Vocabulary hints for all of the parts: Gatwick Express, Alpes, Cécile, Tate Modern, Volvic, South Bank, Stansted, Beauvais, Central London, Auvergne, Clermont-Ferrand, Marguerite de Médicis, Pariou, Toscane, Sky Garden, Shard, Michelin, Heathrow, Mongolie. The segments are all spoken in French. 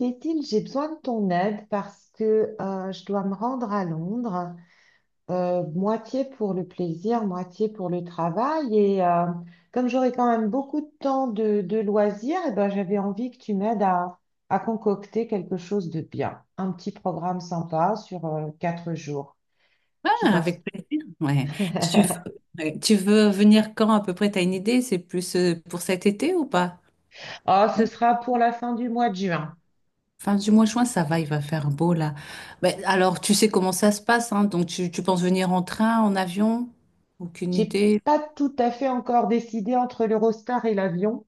Cécile, j'ai besoin de ton aide parce que je dois me rendre à Londres, moitié pour le plaisir, moitié pour le travail. Et comme j'aurai quand même beaucoup de temps de loisirs, eh ben, j'avais envie que tu m'aides à concocter quelque chose de bien. Un petit programme sympa sur quatre jours. Tu Ah, penses? avec plaisir. Ouais. Tu veux, ouais. Tu veux venir quand à peu près? T'as une idée? C'est plus pour cet été ou pas? Oh, Ouais. ce sera pour la fin du mois de juin. Fin du mois de juin, ça va, il va faire beau là. Mais alors, tu sais comment ça se passe, hein? Donc, tu penses venir en train, en avion? Aucune J'ai idée. pas tout à fait encore décidé entre l'Eurostar et l'avion.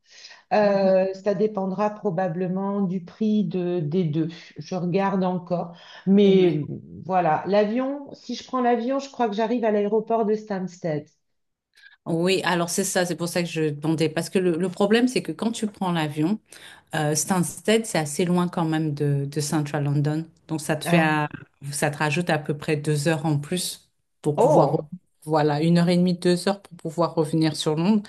Mhm. Ça dépendra probablement du prix des deux. Je regarde encore. Ouais. Mais voilà, l'avion, si je prends l'avion, je crois que j'arrive à l'aéroport de Stansted. Oui, alors c'est ça, c'est pour ça que je demandais. Parce que le problème, c'est que quand tu prends l'avion. Stansted, c'est assez loin quand même de Central London. Donc, Ah. Ça te rajoute à peu près 2 heures en plus pour pouvoir, Oh. voilà, 1 heure et demie, 2 heures pour pouvoir revenir sur Londres.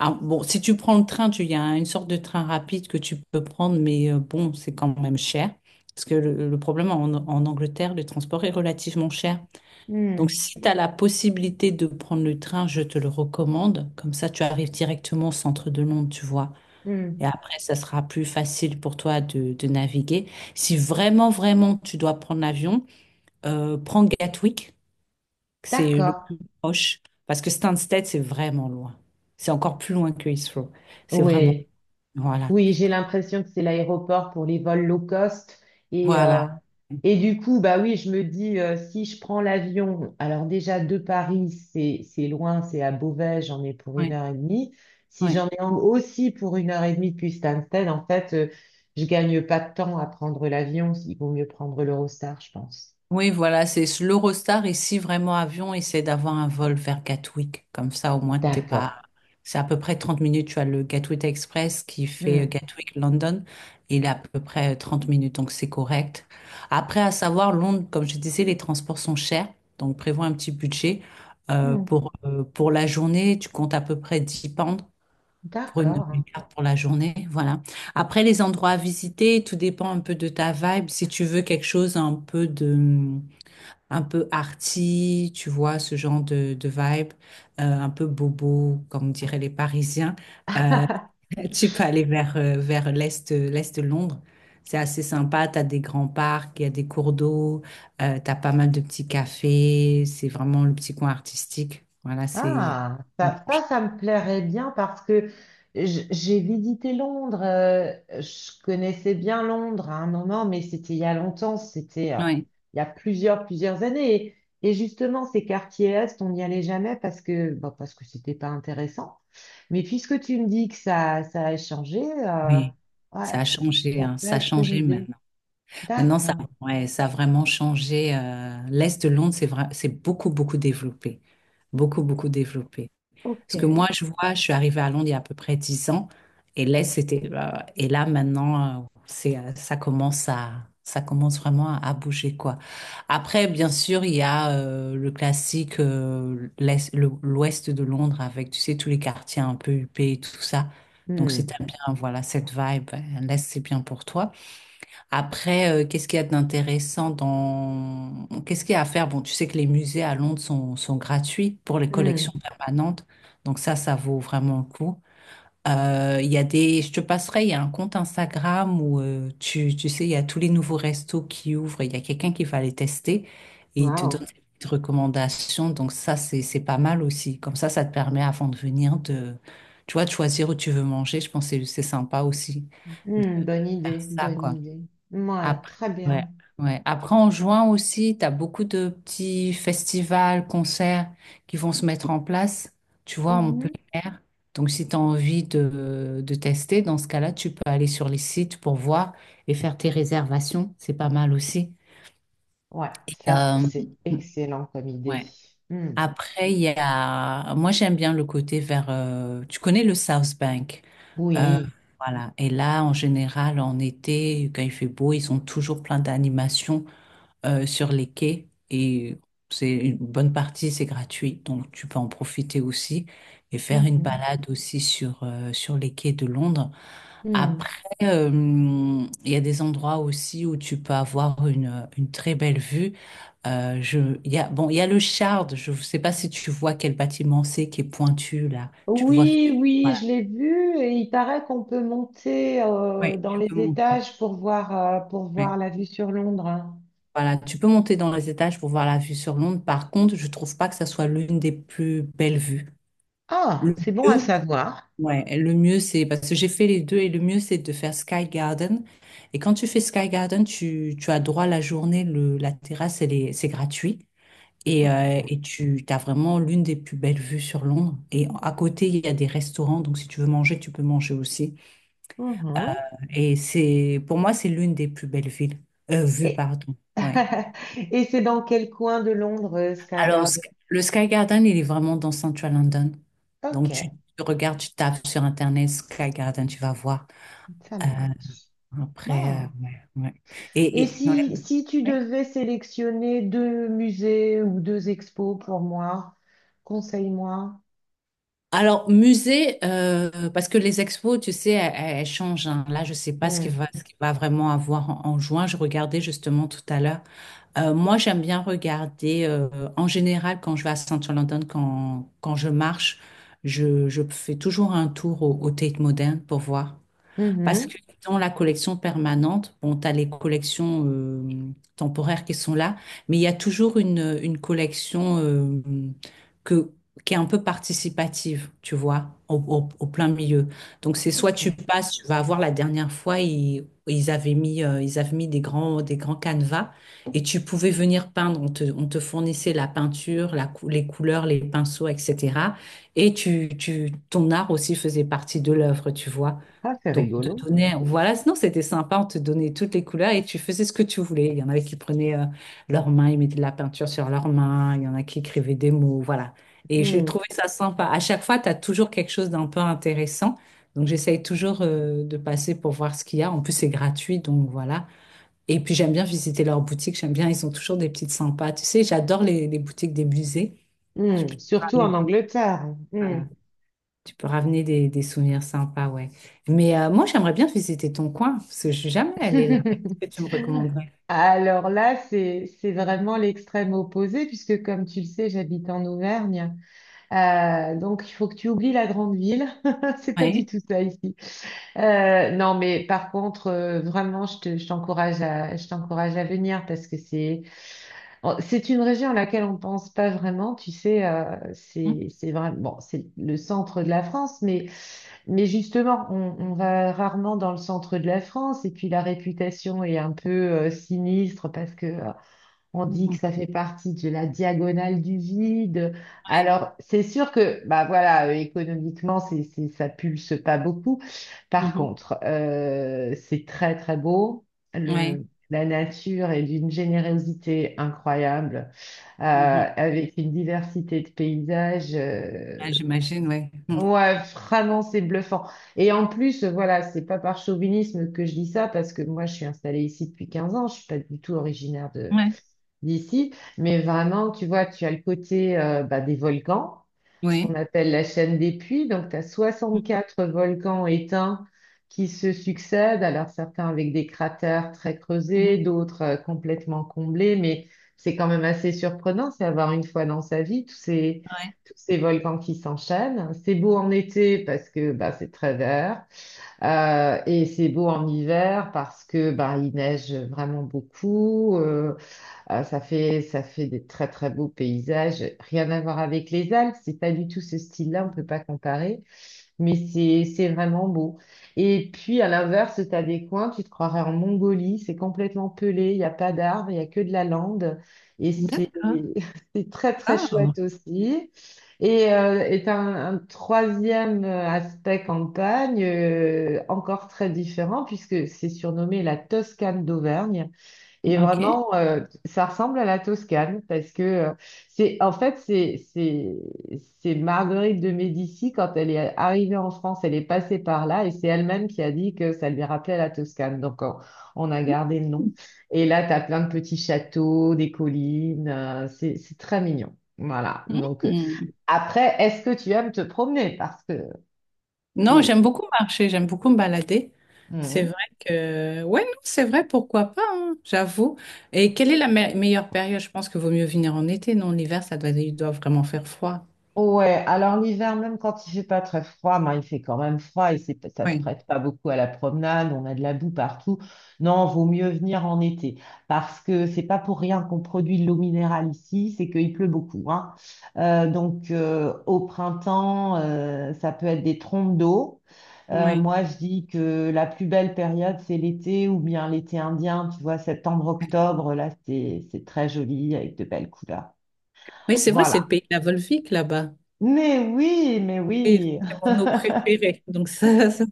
Ah, bon, si tu prends le train, il y a une sorte de train rapide que tu peux prendre, mais bon, c'est quand même cher. Parce que le problème en Angleterre, le transport est relativement cher. Donc, Hmm. si tu as la possibilité de prendre le train, je te le recommande. Comme ça, tu arrives directement au centre de Londres, tu vois. Et Hmm. après, ça sera plus facile pour toi de naviguer. Si vraiment, vraiment, tu dois prendre l'avion, prends Gatwick, c'est le D'accord. plus proche, parce que Stansted, c'est vraiment loin. C'est encore plus loin que Heathrow. C'est vraiment... Oui. Voilà. Oui, j'ai l'impression que c'est l'aéroport pour les vols low cost. Et, euh, Voilà. et du coup, bah oui, je me dis, si je prends l'avion, alors déjà de Paris, c'est loin, c'est à Beauvais, j'en ai pour une Ouais, heure et demie. Si ouais. j'en ai aussi pour une heure et demie depuis Stansted, en fait, je gagne pas de temps à prendre l'avion. Il vaut mieux prendre l'Eurostar, je pense. Oui, voilà, c'est l'Eurostar ici, vraiment avion, essaie d'avoir un vol vers Gatwick. Comme ça, au moins, t'es pas. D'accord. C'est à peu près 30 minutes. Tu as le Gatwick Express qui fait Hmm. Gatwick London. Il est à peu près 30 minutes, donc c'est correct. Après, à savoir, Londres, comme je disais, les transports sont chers. Donc, prévois un petit budget. Euh, Hmm. pour, euh, pour la journée, tu comptes à peu près 10 pounds pour une, D'accord. une carte pour la journée. Voilà. Après, les endroits à visiter, tout dépend un peu de ta vibe. Si tu veux quelque chose un peu de un peu arty, tu vois, ce genre de vibe, un peu bobo, comme diraient les Parisiens. Euh, Tu peux aller vers l'est, de Londres. C'est assez sympa, tu as des grands parcs, il y a des cours d'eau, tu as pas mal de petits cafés, c'est vraiment le petit coin artistique. Voilà, c'est... Ah, Oui, ça me plairait bien parce que j'ai visité Londres. Je connaissais bien Londres à un moment, mais c'était il y a longtemps, c'était il y a plusieurs années. Et justement, ces quartiers Est, on n'y allait jamais parce que, bah, parce que c'était pas intéressant. Mais puisque tu me dis que ça a changé, oui, ouais, ça a changé, ça hein, peut ça a être une changé idée. maintenant. Maintenant, ça, D'accord, ouais, ça a vraiment changé. L'Est de Londres, c'est vrai, c'est beaucoup, beaucoup développé. Beaucoup, beaucoup développé. ok. Parce que moi, je vois, je suis arrivée à Londres il y a à peu près 10 ans. Et l'Est, c'était. Et là, maintenant, ça commence vraiment à bouger, quoi. Après, bien sûr, il y a le classique, l'Ouest de Londres avec, tu sais, tous les quartiers un peu huppés et tout ça. Donc, si Hmm, t'aimes bien, voilà, cette vibe, l'Est, c'est bien pour toi. Après, qu'est-ce qu'il y a d'intéressant dans... Qu'est-ce qu'il y a à faire? Bon, tu sais que les musées à Londres sont gratuits pour les hmm. collections permanentes. Donc ça vaut vraiment le coup. Il y a des... Je te passerai, il y a un compte Instagram où tu sais, il y a tous les nouveaux restos qui ouvrent. Il y a quelqu'un qui va les tester et il te donne Wow. des petites recommandations. Donc ça, c'est pas mal aussi. Comme ça te permet avant de venir de... Tu vois, de choisir où tu veux manger. Je pense que c'est sympa aussi de Hmm, bonne faire idée, ça, bonne quoi. idée. Ouais, Après, très ouais, bien. ouais. Après, en juin aussi, tu as beaucoup de petits festivals, concerts qui vont se mettre en place, tu vois, en plein Mhm. air. Donc, si tu as envie de tester, dans ce cas-là, tu peux aller sur les sites pour voir et faire tes réservations. C'est pas mal aussi. Ouais, Et, ça, c'est excellent comme idée. ouais. Hmm. Après, il y a... Moi, j'aime bien le côté vers... Tu connais le South Bank. Euh, Oui. voilà. Et là, en général, en été, quand il fait beau, ils ont toujours plein d'animations sur les quais et c'est une bonne partie, c'est gratuit, donc tu peux en profiter aussi et faire une Mhm. balade aussi sur les quais de Londres. Hmm. Après, il y a des endroits aussi où tu peux avoir une très belle vue. Je, il y a, bon, il y a le Shard, je ne sais pas si tu vois quel bâtiment c'est qui est pointu là. Tu le vois. Oui, oui, Voilà. je l'ai vu et il paraît qu'on peut monter Oui, dans tu les peux monter. étages pour Oui. voir la vue sur Londres. Hein. Voilà, tu peux monter dans les étages pour voir la vue sur Londres. Par contre, je trouve pas que ça soit l'une des plus belles vues. Ah, Le c'est bon à mieux, savoir. ouais, le mieux c'est parce que j'ai fait les deux et le mieux c'est de faire Sky Garden. Et quand tu fais Sky Garden, tu as droit à la journée, la terrasse, c'est gratuit. Et, euh, Ok. et tu as vraiment l'une des plus belles vues sur Londres. Et à côté, il y a des restaurants, donc si tu veux manger, tu peux manger aussi. Euh, Mhm. et c'est, pour moi, c'est l'une des plus belles villes, vues, Et, pardon. Ouais. et c'est dans quel coin de Londres, ça Alors, garde? Le Sky Garden, il est vraiment dans Central London. Ok, Donc, tu regardes, tu tapes sur Internet Sky Garden, tu vas voir. ça Euh, marche. Après, Bon. ouais, ouais. Et Ouais. Si tu Ouais. devais sélectionner deux musées ou deux expos pour moi, conseille-moi. Alors, musée, parce que les expos, tu sais, elles changent, hein. Là, je sais pas Hmm. Ce qu'il va vraiment avoir en juin. Je regardais justement tout à l'heure. Moi, j'aime bien regarder, en général, quand je vais à Central London, quand je marche, je fais toujours un tour au Tate Modern pour voir. Parce Mhm. que dans la collection permanente, bon, tu as les collections temporaires qui sont là, mais il y a toujours une collection que, qui est un peu participative, tu vois, au plein milieu. Donc c'est soit tu Ok. passes, tu vas voir la dernière fois, ils avaient mis des grands canevas et tu pouvais venir peindre. On te fournissait la peinture, les couleurs, les pinceaux, etc. Et ton art aussi faisait partie de l'œuvre, tu vois. Ah, c'est Donc, on te rigolo. donnait, voilà, sinon c'était sympa, on te donnait toutes les couleurs et tu faisais ce que tu voulais. Il y en avait qui prenaient leurs mains, ils mettaient de la peinture sur leurs mains, il y en a qui écrivaient des mots, voilà. Et j'ai Hmm. trouvé ça sympa. À chaque fois, tu as toujours quelque chose d'un peu intéressant. Donc, j'essaye toujours de passer pour voir ce qu'il y a. En plus, c'est gratuit, donc voilà. Et puis, j'aime bien visiter leurs boutiques, j'aime bien, ils ont toujours des petites sympas. Tu sais, j'adore les boutiques des musées. Tu Hmm. peux te Surtout en ramener, Angleterre. Hmm. voilà. Tu peux ramener des souvenirs sympas, ouais. Mais moi, j'aimerais bien visiter ton coin, parce que je suis jamais allée là-bas. Qu'est-ce que tu me recommanderais? Alors là, c'est vraiment l'extrême opposé, puisque comme tu le sais, j'habite en Auvergne. Donc, il faut que tu oublies la grande ville. C'est pas du Ouais. tout ça ici. Non, mais par contre, vraiment, je t'encourage à venir parce que c'est, bon, c'est une région à laquelle on pense pas vraiment. Tu sais, Mhm. C'est vraiment, bon, c'est le centre de la France, mais justement, on va rarement dans le centre de la France. Et puis la réputation est un peu sinistre parce que on dit que Mhm. ça fait partie de la diagonale du vide. Ouais. Alors, c'est sûr que, bah voilà, économiquement, ça pulse pas beaucoup. Par Mhm. contre, c'est très très beau. Ouais. La nature est d'une générosité incroyable, Mhm. avec une diversité de paysages. Ah, j'imagine, ouais. Mhm. Ouais, vraiment, c'est bluffant. Et en plus, voilà, c'est pas par chauvinisme que je dis ça, parce que moi, je suis installée ici depuis 15 ans. Je suis pas du tout originaire Ouais. d'ici, mais vraiment, tu vois, tu as le côté bah, des volcans, ce qu'on Oui. appelle la chaîne des puits. Donc, tu as 64 volcans éteints qui se succèdent, alors certains avec des cratères très creusés, Mhm. d'autres complètement comblés, mais c'est quand même assez surprenant, c'est avoir une fois dans sa vie Ouais. tous ces volcans qui s'enchaînent. C'est beau en été parce que bah, c'est très vert. Et c'est beau en hiver parce que bah, il neige vraiment beaucoup. Ah, ça fait des très très beaux paysages. Rien à voir avec les Alpes, c'est pas du tout ce style-là, on peut pas comparer, mais c'est vraiment beau. Et puis à l'inverse, tu as des coins, tu te croirais en Mongolie, c'est complètement pelé, il n'y a pas d'arbres, il n'y a que de la lande, et c'est D'accord. c'est très très Ah, chouette aussi. Et un troisième aspect campagne, encore très différent, puisque c'est surnommé la Toscane d'Auvergne. Et ok. vraiment, ça ressemble à la Toscane parce que c'est, en fait, c'est Marguerite de Médicis quand elle est arrivée en France, elle est passée par là et c'est elle-même qui a dit que ça lui rappelait la Toscane. On a gardé le nom. Et là, tu as plein de petits châteaux, des collines, c'est très mignon. Voilà. Donc Mhm. après, est-ce que tu aimes te promener? Parce que Non, c'est... j'aime beaucoup marcher, j'aime beaucoup me balader. C'est hmm. vrai que, ouais, non, c'est vrai, pourquoi pas, hein, j'avoue. Et quelle est la meilleure période? Je pense que vaut mieux venir en été, non? L'hiver, il doit vraiment faire froid. Ouais, alors l'hiver, même quand il fait pas très froid, ben, il fait quand même froid et ça se Oui, prête pas beaucoup à la promenade, on a de la boue partout. Non, vaut mieux venir en été parce que c'est pas pour rien qu'on produit de l'eau minérale ici, c'est qu'il pleut beaucoup, hein. Au printemps, ça peut être des trompes d'eau. Oui, Moi, je dis que la plus belle période, c'est l'été ou bien l'été indien, tu vois, oui. septembre-octobre, là, c'est très joli avec de belles couleurs. Oui, c'est vrai, c'est le Voilà. pays de la Volvic là-bas. Mais Oui, oui, c'est mon eau préférée. Donc, ça,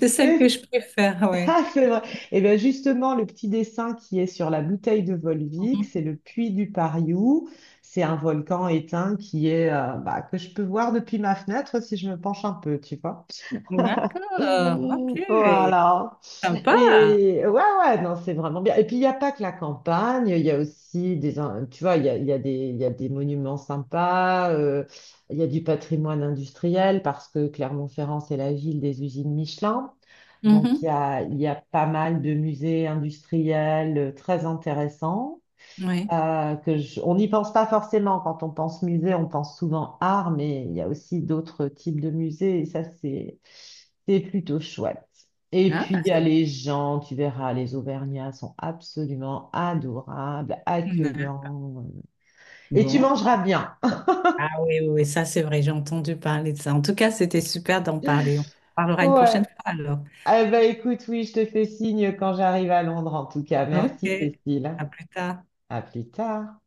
c'est celle c'est que je préfère, oui. C'est vrai. Et bien justement, le petit dessin qui est sur la bouteille de Volvic, c'est le puits du Pariou. C'est un volcan éteint qui est bah, que je peux voir depuis ma fenêtre si je me penche un peu, tu vois. D'accord, ok, Voilà. sympa. Et ouais, ouais, non, c'est vraiment bien. Et puis, il n'y a pas que la campagne, il y a aussi tu vois, il y a des monuments sympas, il y a du patrimoine industriel parce que Clermont-Ferrand, c'est la ville des usines Michelin. Donc, Mhm, il y a pas mal de musées industriels très intéressants Oui. On n'y pense pas forcément. Quand on pense musée, on pense souvent art, mais il y a aussi d'autres types de musées, c'est plutôt chouette. Et Ah, puis, il y a les gens, tu verras, les Auvergnats sont absolument adorables, Mm. accueillants. Et tu Bon. mangeras bien. Ah oui, oui, oui, ça c'est vrai, j'ai entendu parler de ça. En tout cas, c'était super d'en parler. On parlera une Ouais. prochaine fois alors. Eh ben, écoute, oui, je te fais signe quand j'arrive à Londres, en tout cas. Ok, Merci, Cécile. à plus tard. À plus tard.